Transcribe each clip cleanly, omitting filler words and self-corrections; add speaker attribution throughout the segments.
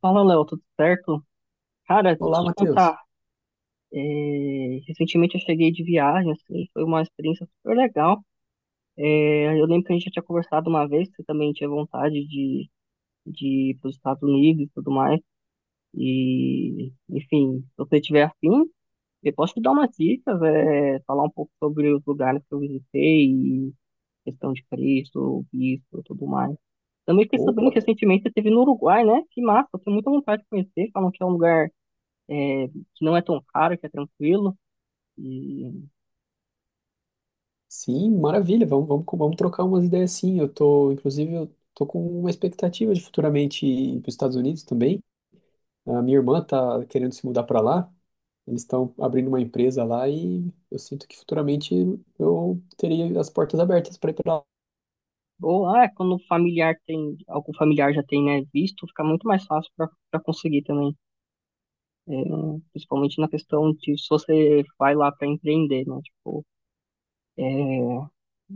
Speaker 1: Fala, Léo, tudo certo? Cara, deixa eu
Speaker 2: Olá,
Speaker 1: te
Speaker 2: Matheus.
Speaker 1: contar. Recentemente eu cheguei de viagem, assim, foi uma experiência super legal. Eu lembro que a gente já tinha conversado uma vez, que você também tinha vontade de ir para os Estados Unidos e tudo mais. E, enfim, se você tiver afim, eu posso te dar umas dicas, falar um pouco sobre os lugares que eu visitei, e questão de preço, visto e tudo mais. Também fiquei sabendo que
Speaker 2: Opa,
Speaker 1: recentemente você esteve no Uruguai, né? Que massa, eu tenho muita vontade de conhecer, falam que é um lugar que não é tão caro, que é tranquilo. E,
Speaker 2: sim, maravilha. Vamos trocar umas ideias sim. Eu tô, inclusive, eu tô com uma expectativa de futuramente ir para os Estados Unidos também. A minha irmã tá querendo se mudar para lá. Eles estão abrindo uma empresa lá e eu sinto que futuramente eu teria as portas abertas para ir para lá,
Speaker 1: quando o familiar tem, algum familiar já tem, né, visto, fica muito mais fácil para conseguir também. É, Principalmente na questão de se você vai lá para empreender, né? Tipo, é,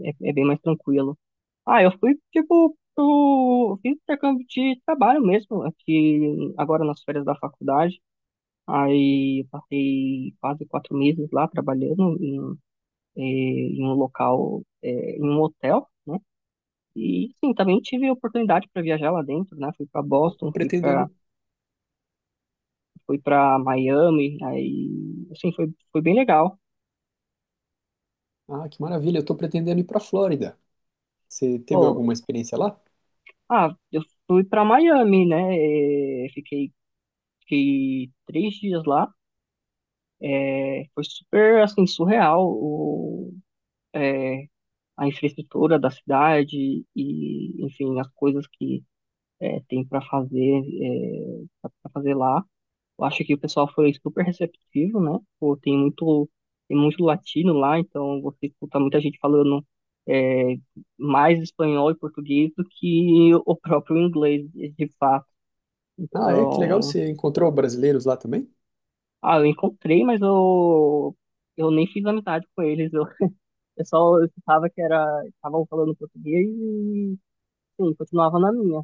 Speaker 1: é bem mais tranquilo. Ah, eu fui, tipo, fiz intercâmbio de trabalho mesmo, aqui agora nas férias da faculdade. Aí eu passei quase 4 meses lá trabalhando eh, em um hotel. E sim, também tive oportunidade para viajar lá dentro, né? Fui para Boston, fui para
Speaker 2: pretendendo.
Speaker 1: fui para Miami, aí assim foi bem legal.
Speaker 2: Ah, que maravilha. Eu tô pretendendo ir para Flórida. Você teve
Speaker 1: Pô,
Speaker 2: alguma experiência lá?
Speaker 1: ah, eu fui para Miami, né? eh, Fiquei fiquei 3 dias lá. Foi super assim surreal é, a infraestrutura da cidade e enfim as coisas que eh, tem para fazer eh, para fazer lá. Eu acho que o pessoal foi super receptivo, né? Pô, tem muito latino lá, então você escuta muita gente falando é, mais espanhol e português do que o próprio inglês, de fato.
Speaker 2: Ah, é? Que legal.
Speaker 1: Então,
Speaker 2: Você encontrou brasileiros lá também?
Speaker 1: ah, eu encontrei, mas eu nem fiz amizade com eles. Eu só escutava que era, estavam falando português e, sim, continuava na minha.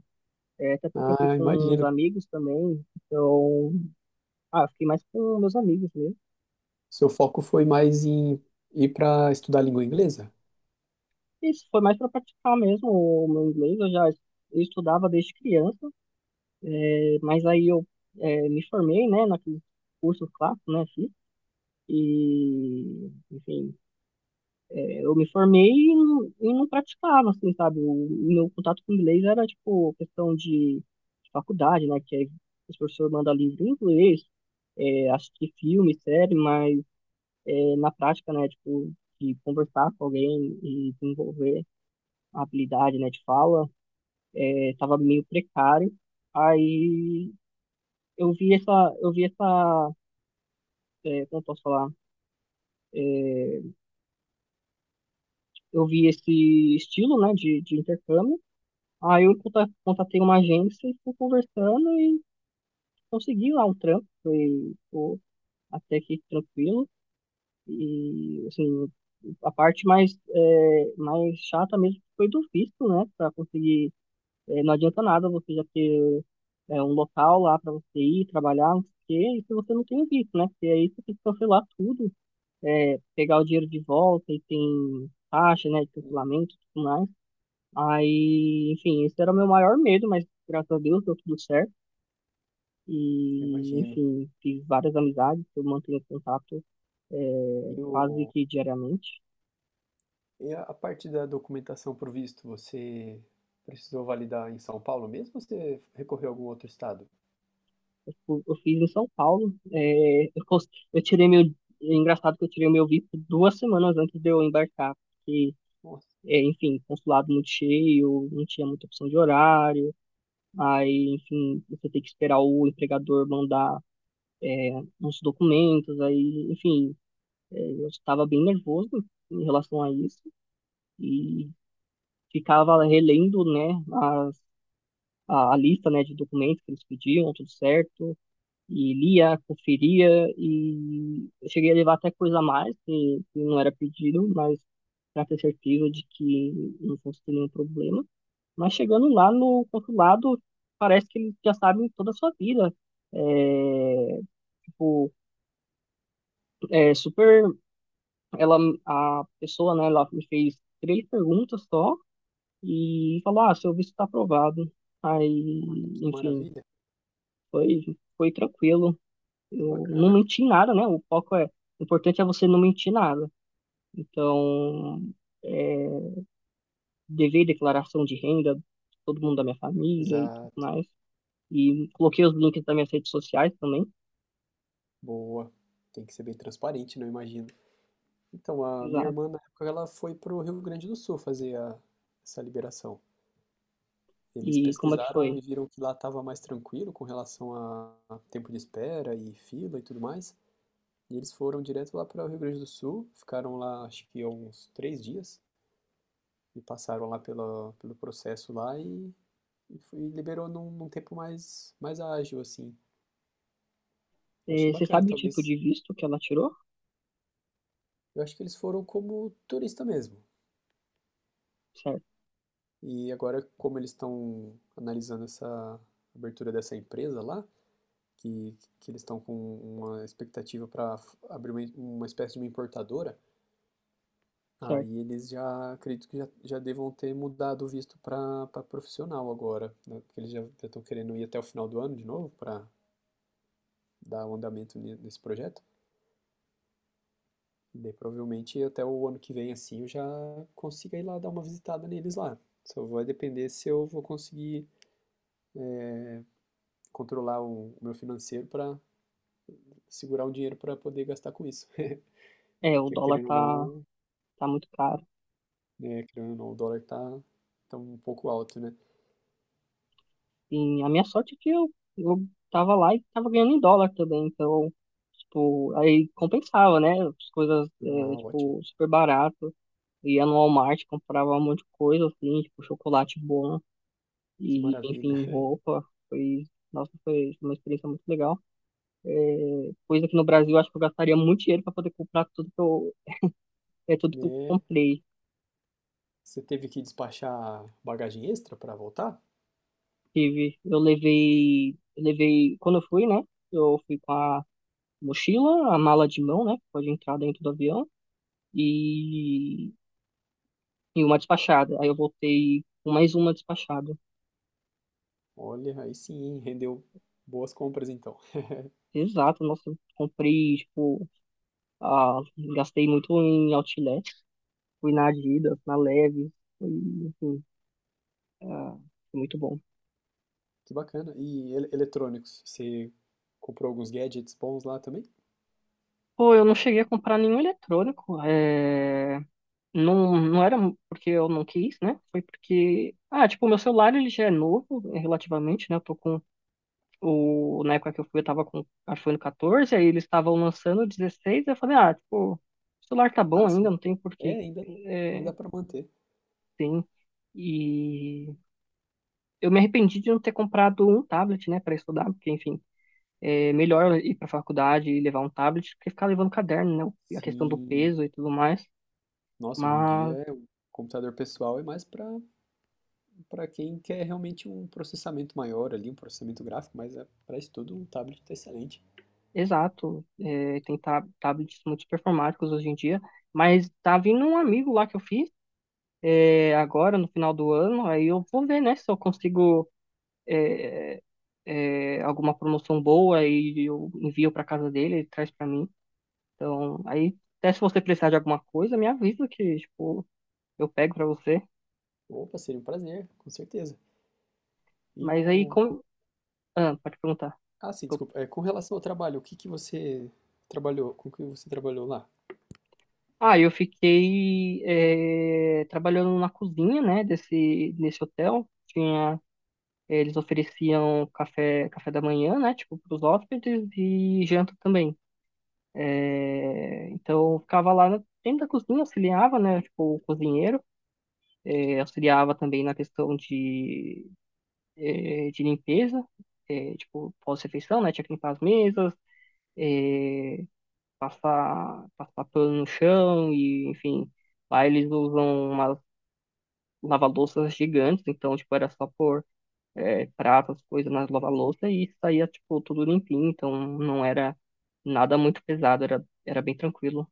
Speaker 1: Até porque eu fui
Speaker 2: Ah,
Speaker 1: com uns
Speaker 2: imagino.
Speaker 1: amigos também, então, ah, eu fiquei mais com meus amigos mesmo.
Speaker 2: Seu foco foi mais em ir para estudar língua inglesa?
Speaker 1: Isso foi mais para praticar mesmo o meu inglês. Eu estudava desde criança, mas aí eu me formei, né, naqueles cursos clássicos, né, fiz. E, enfim, eu me formei e e não praticava, assim, sabe? O meu contato com o inglês era, tipo, questão de faculdade, né, que aí os professores mandam livro em inglês, assistir filme, série, mas na prática, né, tipo, de conversar com alguém e desenvolver a habilidade, né, de fala. Estava meio precário. Aí eu vi essa, eu vi essa, é, como eu posso falar? Eu vi esse estilo, né, de intercâmbio. Aí eu contatei uma agência e fui conversando e consegui lá um trampo. Foi, pô, até que tranquilo. E, assim, a parte mais chata mesmo foi do visto, né, para conseguir. Não adianta nada você já ter um local lá para você ir trabalhar, não sei o quê, e se você não tem o visto, né? Porque aí você tem que cancelar tudo, pegar o dinheiro de volta e tem taxa, né, de
Speaker 2: Hum.
Speaker 1: cancelamento e tudo mais. Aí, enfim, esse era o meu maior medo, mas graças a Deus deu tudo certo. E,
Speaker 2: Imagino.
Speaker 1: enfim, fiz várias amizades, eu mantenho contato
Speaker 2: E,
Speaker 1: quase
Speaker 2: o,
Speaker 1: que diariamente.
Speaker 2: e a parte da documentação pro visto, você precisou validar em São Paulo mesmo ou você recorreu a algum outro estado?
Speaker 1: Tipo, eu fiz em São Paulo. Eu tirei meu. É engraçado que eu tirei o meu visto 2 semanas antes de eu embarcar. Porque,
Speaker 2: Nossa,
Speaker 1: enfim, consulado muito cheio, não tinha muita opção de horário. Aí, enfim, você tem que esperar o empregador mandar, é, uns documentos. Aí, enfim, eu estava bem nervoso em relação a isso. E ficava relendo, né, a lista, né, de documentos que eles pediam, tudo certo. E lia, conferia e eu cheguei a levar até coisa a mais que não era pedido, mas para ter certeza de que não fosse ter nenhum problema. Mas chegando lá no consulado, parece que eles já sabem toda a sua vida. É, tipo, É super. Ela, a pessoa, né, ela me fez três perguntas só e falou: Ah, seu visto está aprovado. Aí,
Speaker 2: que
Speaker 1: enfim,
Speaker 2: maravilha,
Speaker 1: foi tranquilo.
Speaker 2: que
Speaker 1: Eu não
Speaker 2: bacana.
Speaker 1: menti em nada, né? O foco é, o importante é você não mentir nada. Então, é, devei declaração de renda, todo mundo da minha família e tudo
Speaker 2: Exato,
Speaker 1: mais. E coloquei os links das minhas redes sociais também.
Speaker 2: boa. Tem que ser bem transparente, não imagino. Então, a minha
Speaker 1: Exato.
Speaker 2: irmã, na época, ela foi pro Rio Grande do Sul fazer a, essa liberação.
Speaker 1: E
Speaker 2: Eles
Speaker 1: como é que foi?
Speaker 2: pesquisaram e viram que lá estava mais tranquilo com relação a tempo de espera e fila e tudo mais. E eles foram direto lá para o Rio Grande do Sul, ficaram lá acho que uns três dias, e passaram lá pela, pelo processo lá e foi- liberou num tempo mais, mais ágil, assim. Eu achei
Speaker 1: Você
Speaker 2: bacana,
Speaker 1: sabe o tipo
Speaker 2: talvez.
Speaker 1: de visto que ela tirou?
Speaker 2: Eu acho que eles foram como turista mesmo.
Speaker 1: Certo,
Speaker 2: E agora, como eles estão analisando essa abertura dessa empresa lá, que eles estão com uma expectativa para abrir uma espécie de uma importadora. Aí
Speaker 1: certo.
Speaker 2: eles já, acredito que já, já devam ter mudado o visto para profissional agora, né? Porque eles já estão querendo ir até o final do ano de novo para dar o andamento ne- nesse projeto. E daí provavelmente até o ano que vem, assim, eu já consiga ir lá dar uma visitada neles lá. Só vai depender se eu vou conseguir controlar o meu financeiro para segurar um dinheiro para poder gastar com isso.
Speaker 1: O
Speaker 2: Porque
Speaker 1: dólar
Speaker 2: querendo ou
Speaker 1: tá,
Speaker 2: não,
Speaker 1: tá muito caro.
Speaker 2: né, querendo ou não, o dólar tá, tá um pouco alto, né?
Speaker 1: E a minha sorte é que eu tava lá e tava ganhando em dólar também. Então, tipo, aí compensava, né? As coisas,
Speaker 2: Ah, ótimo.
Speaker 1: tipo, super barato. Ia no Walmart, comprava um monte de coisa, assim, tipo, chocolate bom
Speaker 2: Que
Speaker 1: e,
Speaker 2: maravilha.
Speaker 1: enfim, roupa. Foi, nossa, foi uma experiência muito legal. Coisa que no Brasil, eu acho que eu gastaria muito dinheiro para poder comprar tudo que eu
Speaker 2: Né?
Speaker 1: comprei.
Speaker 2: Você teve que despachar bagagem extra para voltar?
Speaker 1: Tive, quando eu fui, né, eu fui com a mochila, a mala de mão, né, que pode entrar dentro do avião, e, e uma despachada. Aí eu voltei com mais uma despachada.
Speaker 2: Olha, aí sim, hein, rendeu boas compras então.
Speaker 1: Exato, nossa, eu comprei, tipo, ah, gastei muito em outlet, fui na Adidas, na Levi's, e, enfim, ah, foi muito bom.
Speaker 2: Que bacana. E ele- eletrônicos, você comprou alguns gadgets bons lá também?
Speaker 1: Pô, eu não cheguei a comprar nenhum eletrônico, não, não era porque eu não quis, né? Foi porque, ah, tipo, o meu celular ele já é novo, relativamente, né? Eu tô com o... Na época que eu fui, eu tava com iPhone 14, aí eles estavam lançando o 16, eu falei, ah, tipo, o celular tá bom
Speaker 2: Ah,
Speaker 1: ainda,
Speaker 2: sim.
Speaker 1: não tem por
Speaker 2: É,
Speaker 1: que,
Speaker 2: ainda, ainda dá
Speaker 1: é,
Speaker 2: para manter.
Speaker 1: tem... e eu me arrependi de não ter comprado um tablet, né, para estudar, porque, enfim, é melhor eu ir para faculdade e levar um tablet que ficar levando caderno, né, a questão do
Speaker 2: Sim.
Speaker 1: peso e tudo mais.
Speaker 2: Nossa, hoje em dia
Speaker 1: Mas,
Speaker 2: é, o computador pessoal é mais para para quem quer realmente um processamento maior ali, um processamento gráfico, mas é, para estudo um tablet está excelente.
Speaker 1: exato, tem tablets muito performáticos hoje em dia. Mas tá vindo um amigo lá que eu fiz agora, no final do ano, aí eu vou ver, né, se eu consigo alguma promoção boa e eu envio para casa dele, ele traz para mim. Então, aí, até se você precisar de alguma coisa, me avisa que, tipo, eu pego para você.
Speaker 2: Opa, seria um prazer, com certeza. E
Speaker 1: Mas aí,
Speaker 2: o. com-
Speaker 1: com... Pode perguntar.
Speaker 2: Ah, sim,
Speaker 1: Desculpa.
Speaker 2: desculpa. É, com relação ao trabalho, o que que você trabalhou? Com o que você trabalhou lá?
Speaker 1: Ah, eu fiquei trabalhando na cozinha, né, desse hotel. Tinha, eles ofereciam café, café da manhã, né, tipo, para os hóspedes e janta também. Então, eu ficava lá dentro da cozinha, auxiliava, né, tipo, o cozinheiro. Auxiliava também na questão de limpeza, tipo, pós-refeição, né, tinha que limpar as mesas, Eh, passar pano no chão e, enfim, lá eles usam umas lava-louças gigantes, então, tipo, era só pôr pratas, coisas nas lava-louça e saía, tipo, tudo limpinho, então não era nada muito pesado, era bem tranquilo.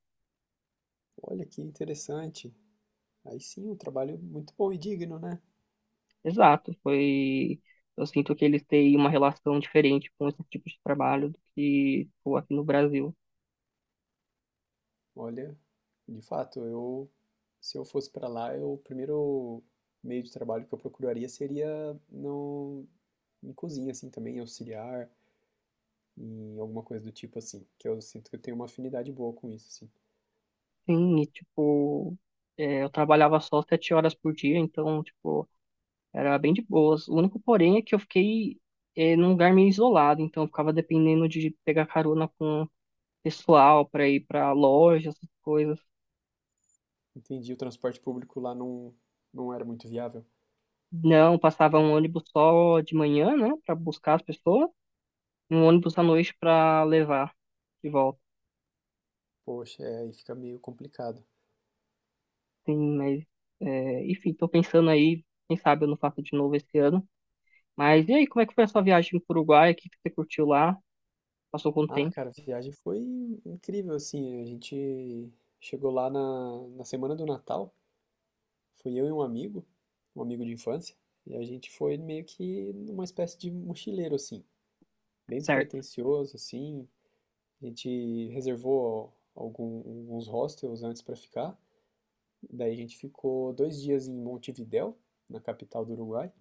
Speaker 2: Olha que interessante. Aí sim, um trabalho muito bom e digno, né?
Speaker 1: Exato, foi... Eu sinto que eles têm uma relação diferente com esse tipo de trabalho do que, tipo, aqui no Brasil.
Speaker 2: Olha, de fato, eu. Se eu fosse para lá, eu, o primeiro meio de trabalho que eu procuraria seria no, em cozinha, assim, também, auxiliar, em alguma coisa do tipo assim, que eu sinto que eu tenho uma afinidade boa com isso, assim.
Speaker 1: Sim, e, tipo, eu trabalhava só 7 horas por dia, então, tipo, era bem de boas. O único porém é que eu fiquei num lugar meio isolado, então eu ficava dependendo de pegar carona com pessoal para ir para loja, essas coisas.
Speaker 2: Entendi, o transporte público lá não, não era muito viável.
Speaker 1: Não, passava um ônibus só de manhã, né, para buscar as pessoas, e um ônibus à noite para levar de volta.
Speaker 2: Poxa, é, aí fica meio complicado.
Speaker 1: Sim, mas enfim, tô pensando aí, quem sabe eu não faço de novo esse ano. Mas e aí, como é que foi a sua viagem pro Uruguai? O que que você curtiu lá? Passou quanto
Speaker 2: Ah,
Speaker 1: tempo?
Speaker 2: cara, a viagem foi incrível, assim, a gente chegou lá na semana do Natal, fui eu e um amigo de infância, e a gente foi meio que numa espécie de mochileiro, assim, bem
Speaker 1: Certo,
Speaker 2: despretensioso, assim, a gente reservou algum- alguns hostels antes pra ficar. Daí a gente ficou dois dias em Montevidéu, na capital do Uruguai.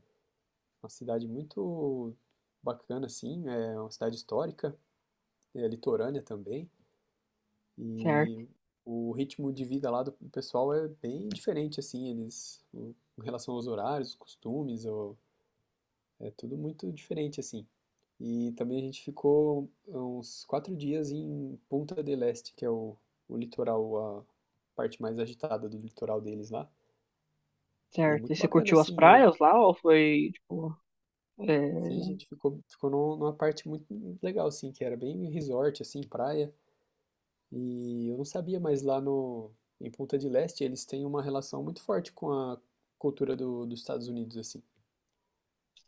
Speaker 2: Uma cidade muito bacana, assim, é uma cidade histórica, é litorânea também.
Speaker 1: certo,
Speaker 2: E o ritmo de vida lá do pessoal é bem diferente, assim, eles, o- em relação aos horários, os costumes, o- é tudo muito diferente, assim. E também a gente ficou uns quatro dias em Punta del Este, que é o litoral, a parte mais agitada do litoral deles lá. E é
Speaker 1: certo. E
Speaker 2: muito
Speaker 1: você
Speaker 2: bacana,
Speaker 1: curtiu as
Speaker 2: assim.
Speaker 1: praias lá ou foi, tipo,
Speaker 2: Sim, a
Speaker 1: é,
Speaker 2: gente ficou, ficou num- numa parte muito legal, assim, que era bem resort, assim, praia. E eu não sabia, mas lá no, em Punta del Este eles têm uma relação muito forte com a cultura do, dos Estados Unidos, assim.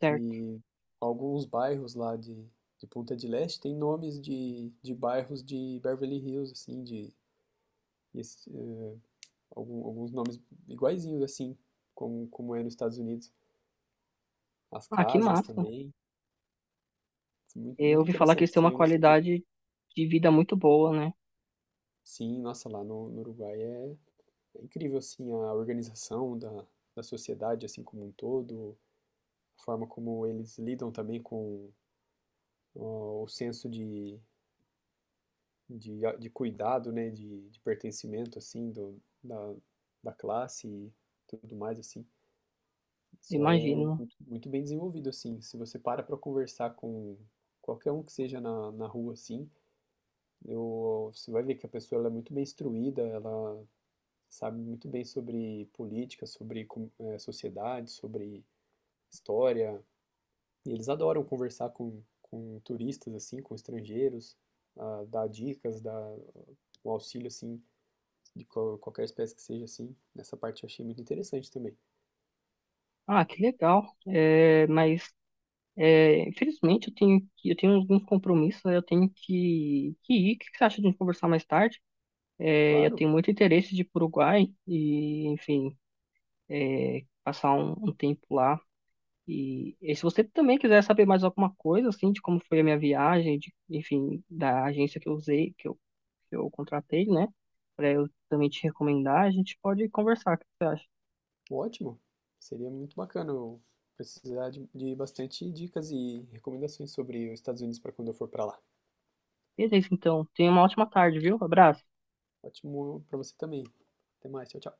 Speaker 1: certo.
Speaker 2: Que alguns bairros lá de Punta del Este têm nomes de bairros de Beverly Hills, assim, de, esse- eh, algum- alguns nomes iguaizinhos, assim, como, como é nos Estados Unidos. As
Speaker 1: Ah, que
Speaker 2: casas
Speaker 1: massa.
Speaker 2: também. Muito,
Speaker 1: Eu
Speaker 2: muito
Speaker 1: ouvi falar que
Speaker 2: interessante,
Speaker 1: eles têm
Speaker 2: isso
Speaker 1: uma
Speaker 2: aí eu não sabia.
Speaker 1: qualidade de vida muito boa, né?
Speaker 2: Sim, nossa, lá no, no Uruguai é, é incrível, assim, a organização da, da sociedade, assim, como um todo, a forma como eles lidam também com ó, o, senso de, a- de cuidado, né, de pertencimento, assim, do, da, da classe e tudo mais, assim. Isso é
Speaker 1: Imagino.
Speaker 2: muito, muito bem desenvolvido, assim. Se você para conversar com qualquer um que seja na, na rua, assim, eu, você vai ver que a pessoa ela é muito bem instruída, ela sabe muito bem sobre política, sobre com- eh, sociedade, sobre história. E eles adoram conversar com turistas, assim, com estrangeiros, ah, dar dicas, dar um auxílio, assim, de qual- qualquer espécie que seja, assim. Nessa parte eu achei muito interessante também.
Speaker 1: Ah, que legal. Infelizmente, eu tenho alguns compromissos, eu tenho que ir. O que você acha de a gente conversar mais tarde? Eu
Speaker 2: Claro,
Speaker 1: tenho muito interesse de ir para o Uruguai e, enfim, passar um tempo lá. E se você também quiser saber mais alguma coisa, assim, de como foi a minha viagem, de, enfim, da agência que eu usei, que eu contratei, né? Para eu também te recomendar, a gente pode conversar, o que você acha?
Speaker 2: ótimo. Seria muito bacana eu precisar de bastante dicas e recomendações sobre os Estados Unidos para quando eu for para lá.
Speaker 1: Beleza, então. Tenha uma ótima tarde, viu? Abraço.
Speaker 2: Ótimo para você também. Até mais, tchau, tchau.